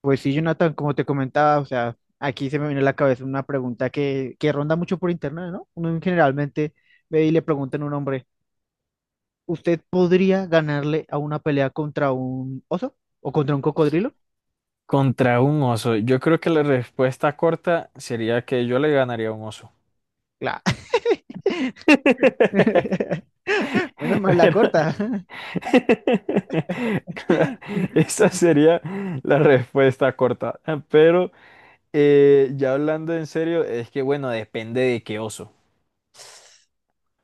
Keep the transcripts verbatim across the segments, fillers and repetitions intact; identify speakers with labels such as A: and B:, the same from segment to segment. A: Pues sí, Jonathan, como te comentaba, o sea, aquí se me viene a la cabeza una pregunta que, que ronda mucho por internet, ¿no? Uno generalmente ve y le preguntan a un hombre, ¿usted podría ganarle a una pelea contra un oso o contra un cocodrilo?
B: Contra un oso. Yo creo que la respuesta corta sería que yo le ganaría a un oso.
A: Claro. Menos mal la
B: Pero-
A: corta.
B: Esa sería la respuesta corta. Pero eh, ya hablando en serio, es que bueno, depende de qué oso.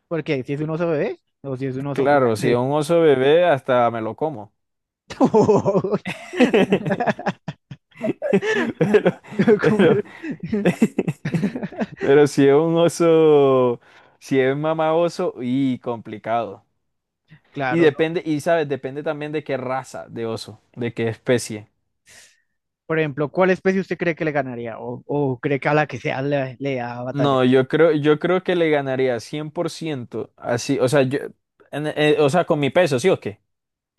A: Porque si es un oso bebé o si es un oso muy
B: Claro, si es
A: grande.
B: un oso bebé, hasta me lo como. Pero,
A: Como-
B: pero, pero si es un oso, si es mamá oso, y complicado. Y
A: Claro.
B: depende, y sabes, depende también de qué raza de oso, de qué especie.
A: Por ejemplo, ¿cuál especie usted cree que le ganaría? ¿O, o cree que a la que sea le, le da batalla?
B: No, yo creo, yo creo que le ganaría cien por ciento, así, o sea, yo, en- eh, o sea, con mi peso, ¿sí o qué?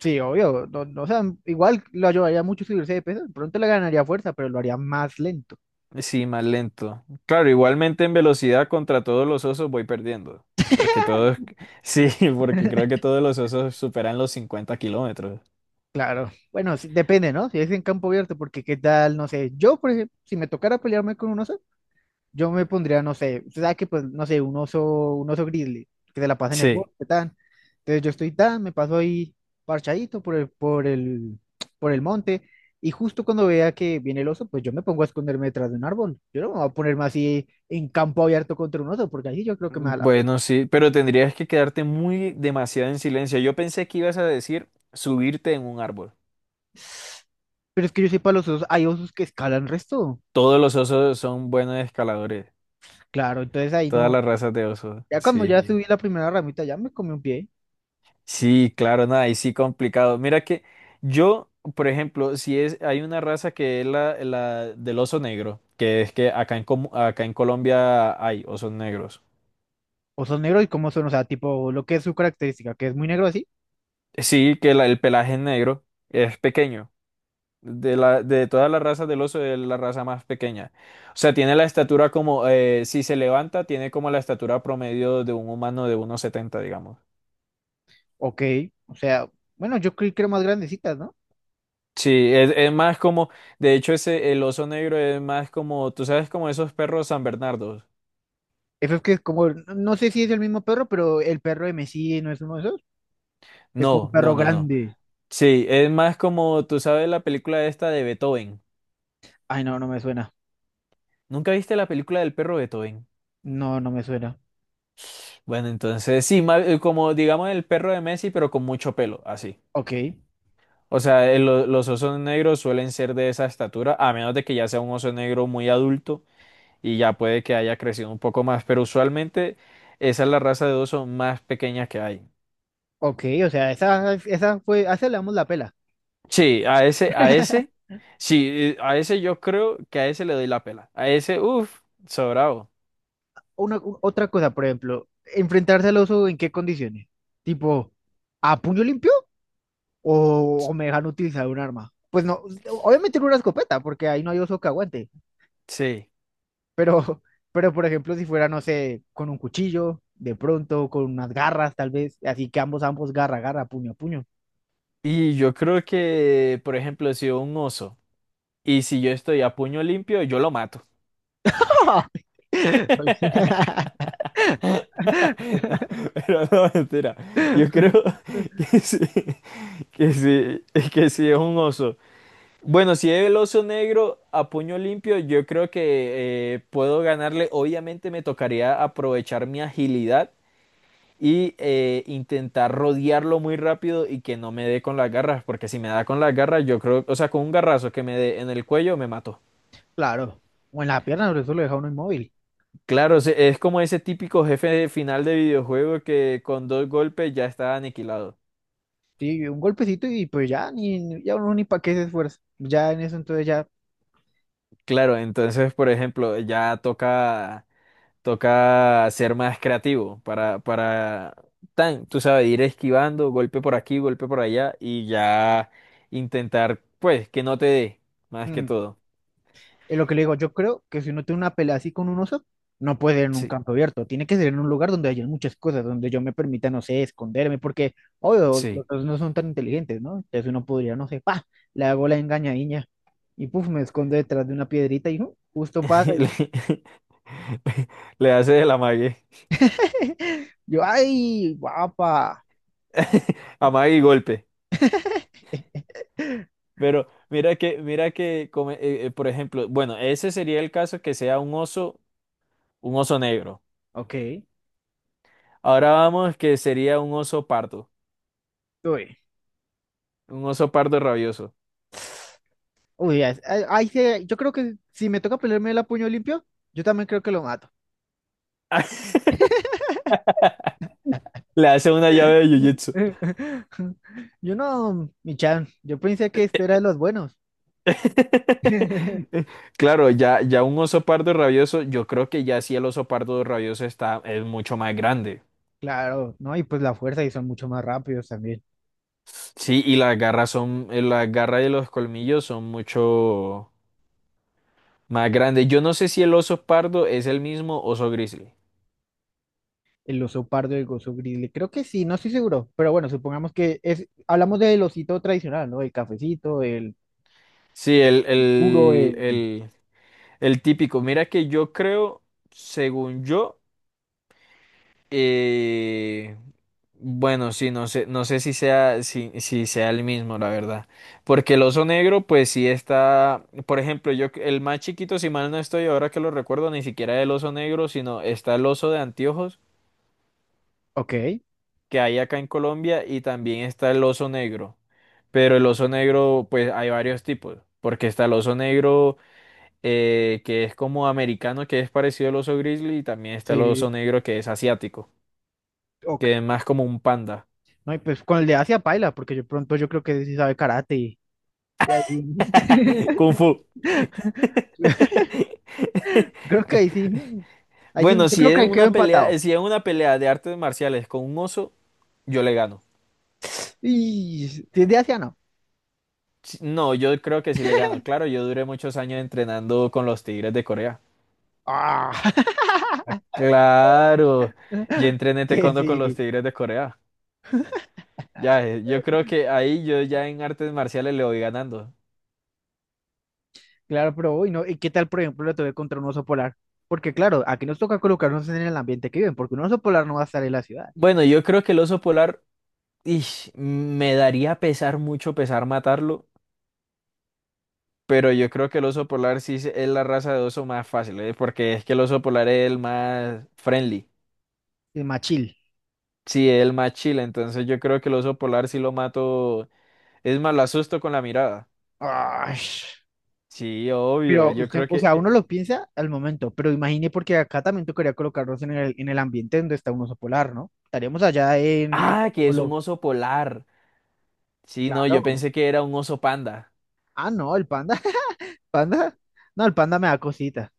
A: Sí, obvio, no, no, o sea, igual lo ayudaría mucho subirse de peso, de pronto le ganaría fuerza, pero lo haría más lento.
B: Sí, más lento. Claro, igualmente en velocidad contra todos los osos voy perdiendo, porque todos, sí, porque creo que todos los osos superan los cincuenta kilómetros.
A: Claro, bueno, sí, depende, ¿no? Si es en campo abierto, porque qué tal, no sé, yo, por ejemplo, si me tocara pelearme con un oso, yo me pondría, no sé, usted sabe que pues, no sé, un oso, un oso grizzly, que se la pasa en el
B: Sí,
A: bosque, tan. Entonces yo estoy tan, me paso ahí parchadito por el, por el, por el monte, y justo cuando vea que viene el oso, pues yo me pongo a esconderme detrás de un árbol. Yo no me voy a ponerme así en campo abierto contra un oso, porque ahí sí yo creo que me da la pena.
B: bueno, sí, pero tendrías que quedarte muy demasiado en silencio. Yo pensé que ibas a decir subirte en un árbol.
A: Pero es que yo sepa, los osos, hay osos que escalan resto.
B: Todos los osos son buenos escaladores.
A: Claro, entonces ahí
B: Todas
A: no.
B: las razas de osos.
A: Ya cuando
B: Sí.
A: ya sí, subí la primera ramita, ya me comí un pie.
B: Sí, claro, nada, y sí complicado. Mira que yo, por ejemplo, si es, hay una raza que es la, la, del oso negro, que es que acá en, Com- acá en Colombia hay osos negros.
A: Osos negros y cómo son, o sea, tipo lo que es su característica, que es muy negro así.
B: Sí, que la- el pelaje es negro es pequeño. De la, de todas las razas del oso es la raza más pequeña. O sea, tiene la estatura como, eh, si se levanta, tiene como la estatura promedio de un humano de uno setenta, digamos.
A: Ok, o sea, bueno, yo creí que eran más grandecitas, ¿no?
B: Sí, es, es más como, de hecho, ese, el oso negro es más como, tú sabes, como esos perros San Bernardos.
A: Eso es que es como, no sé si es el mismo perro, pero el perro de Messi no es uno de esos. Es como un
B: No, no,
A: perro
B: no, no.
A: grande.
B: Sí, es más como, tú sabes, la película esta de Beethoven.
A: Ay, no, no me suena.
B: ¿Nunca viste la película del perro Beethoven?
A: No, no me suena.
B: Bueno, entonces, sí, ma- eh, como, digamos, el perro de Messi, pero con mucho pelo, así.
A: Ok,
B: O sea, eh, lo- los osos negros suelen ser de esa estatura, a menos de que ya sea un oso negro muy adulto y ya puede que haya crecido un poco más, pero usualmente esa es la raza de oso más pequeña que hay.
A: ok, o sea, esa, esa fue, a esa le damos la pela.
B: Sí, a ese, a ese, sí, eh, a ese yo creo que a ese le doy la pela. A ese, uff, sobrado.
A: Una, u- otra cosa, por ejemplo, enfrentarse al oso, ¿en qué condiciones? Tipo, ¿a puño limpio? ¿O, o me dejan utilizar un arma? Pues no, obviamente no una escopeta, porque ahí no hay oso que aguante.
B: Sí.
A: Pero, pero por ejemplo, si fuera, no sé, con un cuchillo, de pronto, con unas garras, tal vez, así que ambos, ambos, garra, garra, puño puño.
B: Y yo creo que, por ejemplo, si un oso y si yo estoy a puño limpio, yo lo mato. No, pero no, mentira. Yo creo que sí, que sí, que sí es un oso. Bueno, si es el oso negro a puño limpio, yo creo que eh, puedo ganarle. Obviamente me tocaría aprovechar mi agilidad y eh, intentar rodearlo muy rápido y que no me dé con las garras, porque si me da con las garras, yo creo, o sea, con un garrazo que me dé en el cuello, me mató.
A: Claro. O en la pierna, pero eso lo deja uno inmóvil.
B: Claro, se- es como ese típico jefe de final de videojuego que con dos golpes ya está aniquilado.
A: Sí, un golpecito y pues ya, ni, ya uno ni para qué se esfuerza. Ya en eso, entonces ya,
B: Claro, entonces, por ejemplo, ya toca, toca ser más creativo para, para, tan, tú sabes, ir esquivando, golpe por aquí, golpe por allá y ya intentar, pues, que no te dé, más que
A: mm,
B: todo.
A: es lo que le digo, yo creo que si uno tiene una pelea así con un oso, no puede ser en un
B: Sí,
A: campo abierto, tiene que ser en un lugar donde haya muchas cosas, donde yo me permita, no sé, esconderme, porque, obvio,
B: sí.
A: los osos no son tan inteligentes, ¿no? Entonces uno podría, no sé, pa, le hago la engañadiña y puf, me escondo detrás de una piedrita y uh, justo pasa
B: Le,
A: y
B: le hace el amague.
A: yo, ay, guapa.
B: Amague y golpe. Pero mira que, mira que, come- eh, eh, por ejemplo, bueno, ese sería el caso que sea un oso, un oso negro.
A: Ok,
B: Ahora vamos que sería un oso pardo,
A: uy,
B: un oso pardo rabioso.
A: uy, ya es- ahí ahí se- yo creo que si me toca pelearme el a puño limpio, yo también creo que lo mato.
B: Le hace una llave de jiu-jitsu.
A: Yo no, mi chan, yo pensé que este era de los buenos.
B: Claro, ya, ya un oso pardo rabioso, yo creo que ya sí el oso pardo rabioso está, es mucho más grande.
A: Claro, ¿no? Y pues la fuerza y son mucho más rápidos también.
B: Sí, y las garras son, eh, las garras de los colmillos son mucho más grandes. Yo no sé si el oso pardo es el mismo oso grizzly.
A: El oso pardo y el oso grizzly. Creo que sí, no estoy seguro. Pero bueno, supongamos que es, hablamos del osito tradicional, ¿no? El cafecito, el,
B: Sí, el,
A: el duro,
B: el,
A: el...
B: el, el típico. Mira que yo creo, según yo, eh, bueno, sí, no sé, no sé si sea, si, si sea el mismo, la verdad. Porque el oso negro, pues sí está, por ejemplo, yo, el más chiquito, si mal no estoy, ahora que lo recuerdo, ni siquiera el oso negro, sino está el oso de anteojos
A: Ok,
B: que hay acá en Colombia y también está el oso negro. Pero el oso negro, pues hay varios tipos, porque está el oso negro eh, que es como americano, que es parecido al oso grizzly, y también está el
A: sí,
B: oso negro que es asiático, que es
A: ok.
B: más como un panda.
A: No, y pues con el de Asia paila, porque yo pronto yo creo que sí sabe karate. y- y ahí-
B: Kung Fu.
A: Creo que ahí sí. Mm, ahí sí,
B: Bueno,
A: yo
B: si
A: creo que
B: es
A: ahí quedó
B: una pelea, eh,
A: empatado.
B: si es una pelea de artes marciales con un oso, yo le gano.
A: Y si es de Asia, no.
B: Si- No, yo creo que sí le gano. Claro, yo duré muchos años entrenando con los Tigres de Corea.
A: Ah,
B: Ah, claro, yo entrené
A: que
B: taekwondo con los
A: sí,
B: Tigres de Corea. Ya, eh, yo creo que ahí yo ya en artes marciales le voy ganando.
A: claro, pero hoy no. ¿Y qué tal, por ejemplo, la tuve contra un oso polar? Porque, claro, aquí nos toca colocarnos en el ambiente que viven, porque un oso polar no va a estar en la ciudad,
B: Bueno, yo creo que el oso polar, ish, me daría pesar mucho pesar matarlo, pero yo creo que el oso polar sí se- es la raza de oso más fácil, eh, porque es que el oso polar es el más friendly,
A: es más chill.
B: sí, es el más chill, entonces yo creo que el oso polar sí lo mato, es más, lo asusto con la mirada.
A: Ay,
B: Sí,
A: pero
B: obvio,
A: Eh,
B: yo
A: usted,
B: creo
A: o sea,
B: que...
A: eh, uno lo piensa al momento, pero imagine porque acá también tocaría colocarnos en el, en el ambiente donde está un oso polar, ¿no? Estaríamos allá en, en el
B: Ah, que es un
A: polo,
B: oso polar. Sí, no, yo
A: claro.
B: pensé que era un oso panda.
A: Ah, no, el panda, panda, no, el panda me da cosita,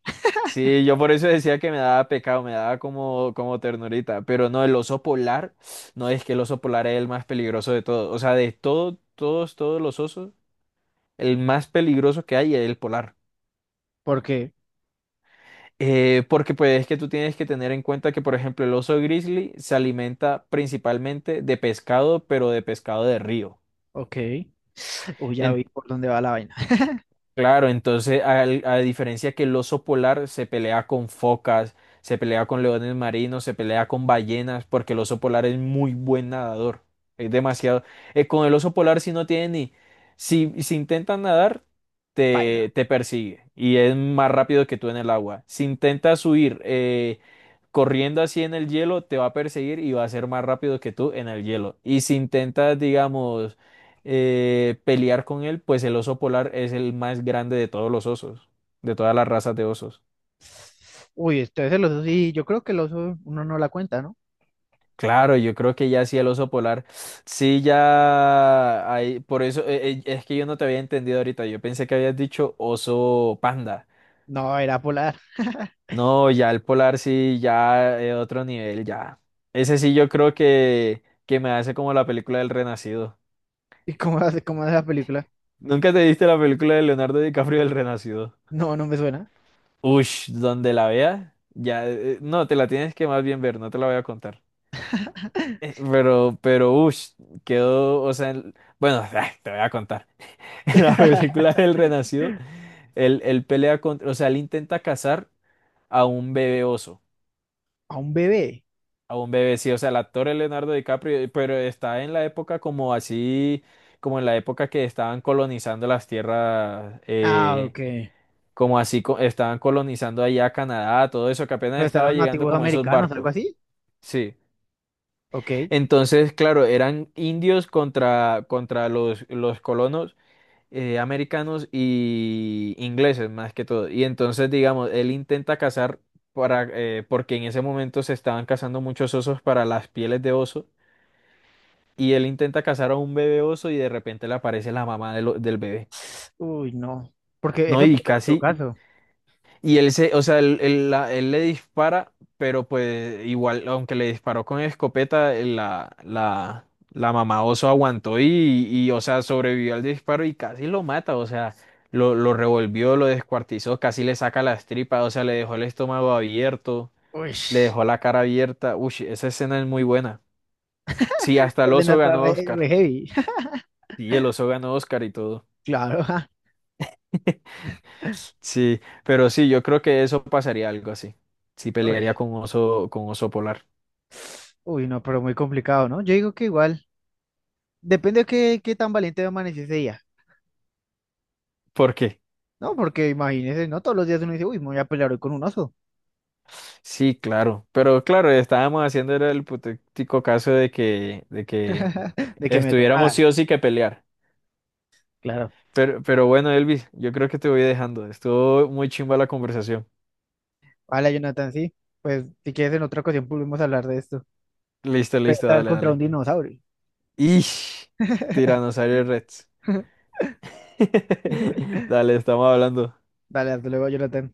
B: Sí, yo por eso decía que me daba pecado, me daba como, como ternurita. Pero no, el oso polar, no es que el oso polar es el más peligroso de todos. O sea, de todo, todos, todos los osos, el más peligroso que hay es el polar.
A: porque,
B: Eh, porque pues es que tú tienes que tener en cuenta que, por ejemplo, el oso grizzly se alimenta principalmente de pescado, pero de pescado de río.
A: ok, uy, ya vi por dónde va la vaina.
B: Claro, entonces al- a, diferencia que el oso polar se pelea con focas, se pelea con leones marinos, se pelea con ballenas, porque el oso polar es muy buen nadador. Es demasiado. eh, con el oso polar si no tiene ni... Si, si intentas nadar, te, te persigue y es más rápido que tú en el agua. Si intentas huir eh, corriendo así en el hielo, te va a perseguir y va a ser más rápido que tú en el hielo. Y si intentas, digamos eh, pelear con él, pues el oso polar es el más grande de todos los osos, de todas las razas de osos.
A: Uy, entonces el oso sí, yo creo que el oso uno no la cuenta, ¿no?
B: Claro, yo creo que ya sí el oso polar, sí ya hay, por eso eh, eh, es que yo no te había entendido ahorita, yo pensé que habías dicho oso panda.
A: No, era polar.
B: No, ya el polar sí, ya eh, otro nivel, ya. Ese sí yo creo que, que, me hace como la película del Renacido.
A: ¿Y cómo hace, cómo hace la película?
B: ¿Nunca te viste la película de Leonardo DiCaprio del Renacido?
A: No, no me suena.
B: Ush, donde la veas, ya, eh, no, te la tienes que más bien ver, no te la voy a contar. Eh, Pero, pero, ush, quedó, o sea, el- bueno, te voy a contar. En la película del Renacido, él, él pelea contra, o sea, él intenta cazar a un bebé oso,
A: A un bebé.
B: a un bebé, sí, o sea, el actor es Leonardo DiCaprio, eh, pero está en la época como así, como en la época que estaban colonizando las tierras,
A: Ah,
B: eh,
A: ok.
B: como así, co- estaban colonizando allá Canadá, todo eso, que apenas
A: Pues están
B: estaba
A: los
B: llegando
A: nativos
B: como esos
A: americanos, algo
B: barcos.
A: así.
B: Sí.
A: Ok.
B: Entonces, claro, eran indios contra, contra, los, los colonos eh, americanos y ingleses más que todo. Y entonces, digamos, él intenta cazar para, eh, porque en ese momento se estaban cazando muchos osos para las pieles de oso. Y él intenta cazar a un bebé oso y de repente le aparece la mamá de lo- del bebé.
A: Uy, no. Porque
B: No,
A: eso
B: y
A: puede ser otro
B: casi
A: caso.
B: Y él se, o sea, él, él la- él le dispara, pero pues igual, aunque le disparó con escopeta, eh, la, la, la mamá oso aguantó y, y, o sea, sobrevivió al disparo y casi lo mata, o sea, lo, lo revolvió, lo descuartizó, casi le saca las tripas, o sea, le dejó el estómago abierto,
A: Uy,
B: le dejó la cara abierta. Uy, esa escena es muy buena. Sí, hasta el
A: los de la
B: oso ganó
A: re,
B: Oscar.
A: re heavy.
B: Sí, el oso ganó Oscar y todo.
A: Claro. Ja.
B: Sí, pero sí, yo creo que eso pasaría algo así. Sí,
A: Uy,
B: pelearía con oso, con oso polar.
A: uy, no, pero muy complicado, ¿no? Yo digo que igual. Depende de qué, qué tan valiente amanece ese día.
B: ¿Por qué?
A: No, porque imagínese, ¿no? Todos los días uno dice, uy, me voy a pelear hoy con un oso.
B: Sí, claro. Pero claro, estábamos haciendo era el hipotético caso de que, de que,
A: De que me
B: estuviéramos
A: tocara.
B: sí o sí que pelear.
A: Claro.
B: Pero, pero bueno, Elvis, yo creo que te voy dejando. Estuvo muy chimba la conversación.
A: Hola, Jonathan, sí. Pues si quieres en otra ocasión podemos hablar de esto.
B: Listo,
A: Pero
B: listo,
A: esta vez
B: dale,
A: contra un
B: dale.
A: dinosaurio.
B: Ish, Tiranosaurio Rex. Dale, estamos hablando.
A: Dale, hasta luego, Jonathan.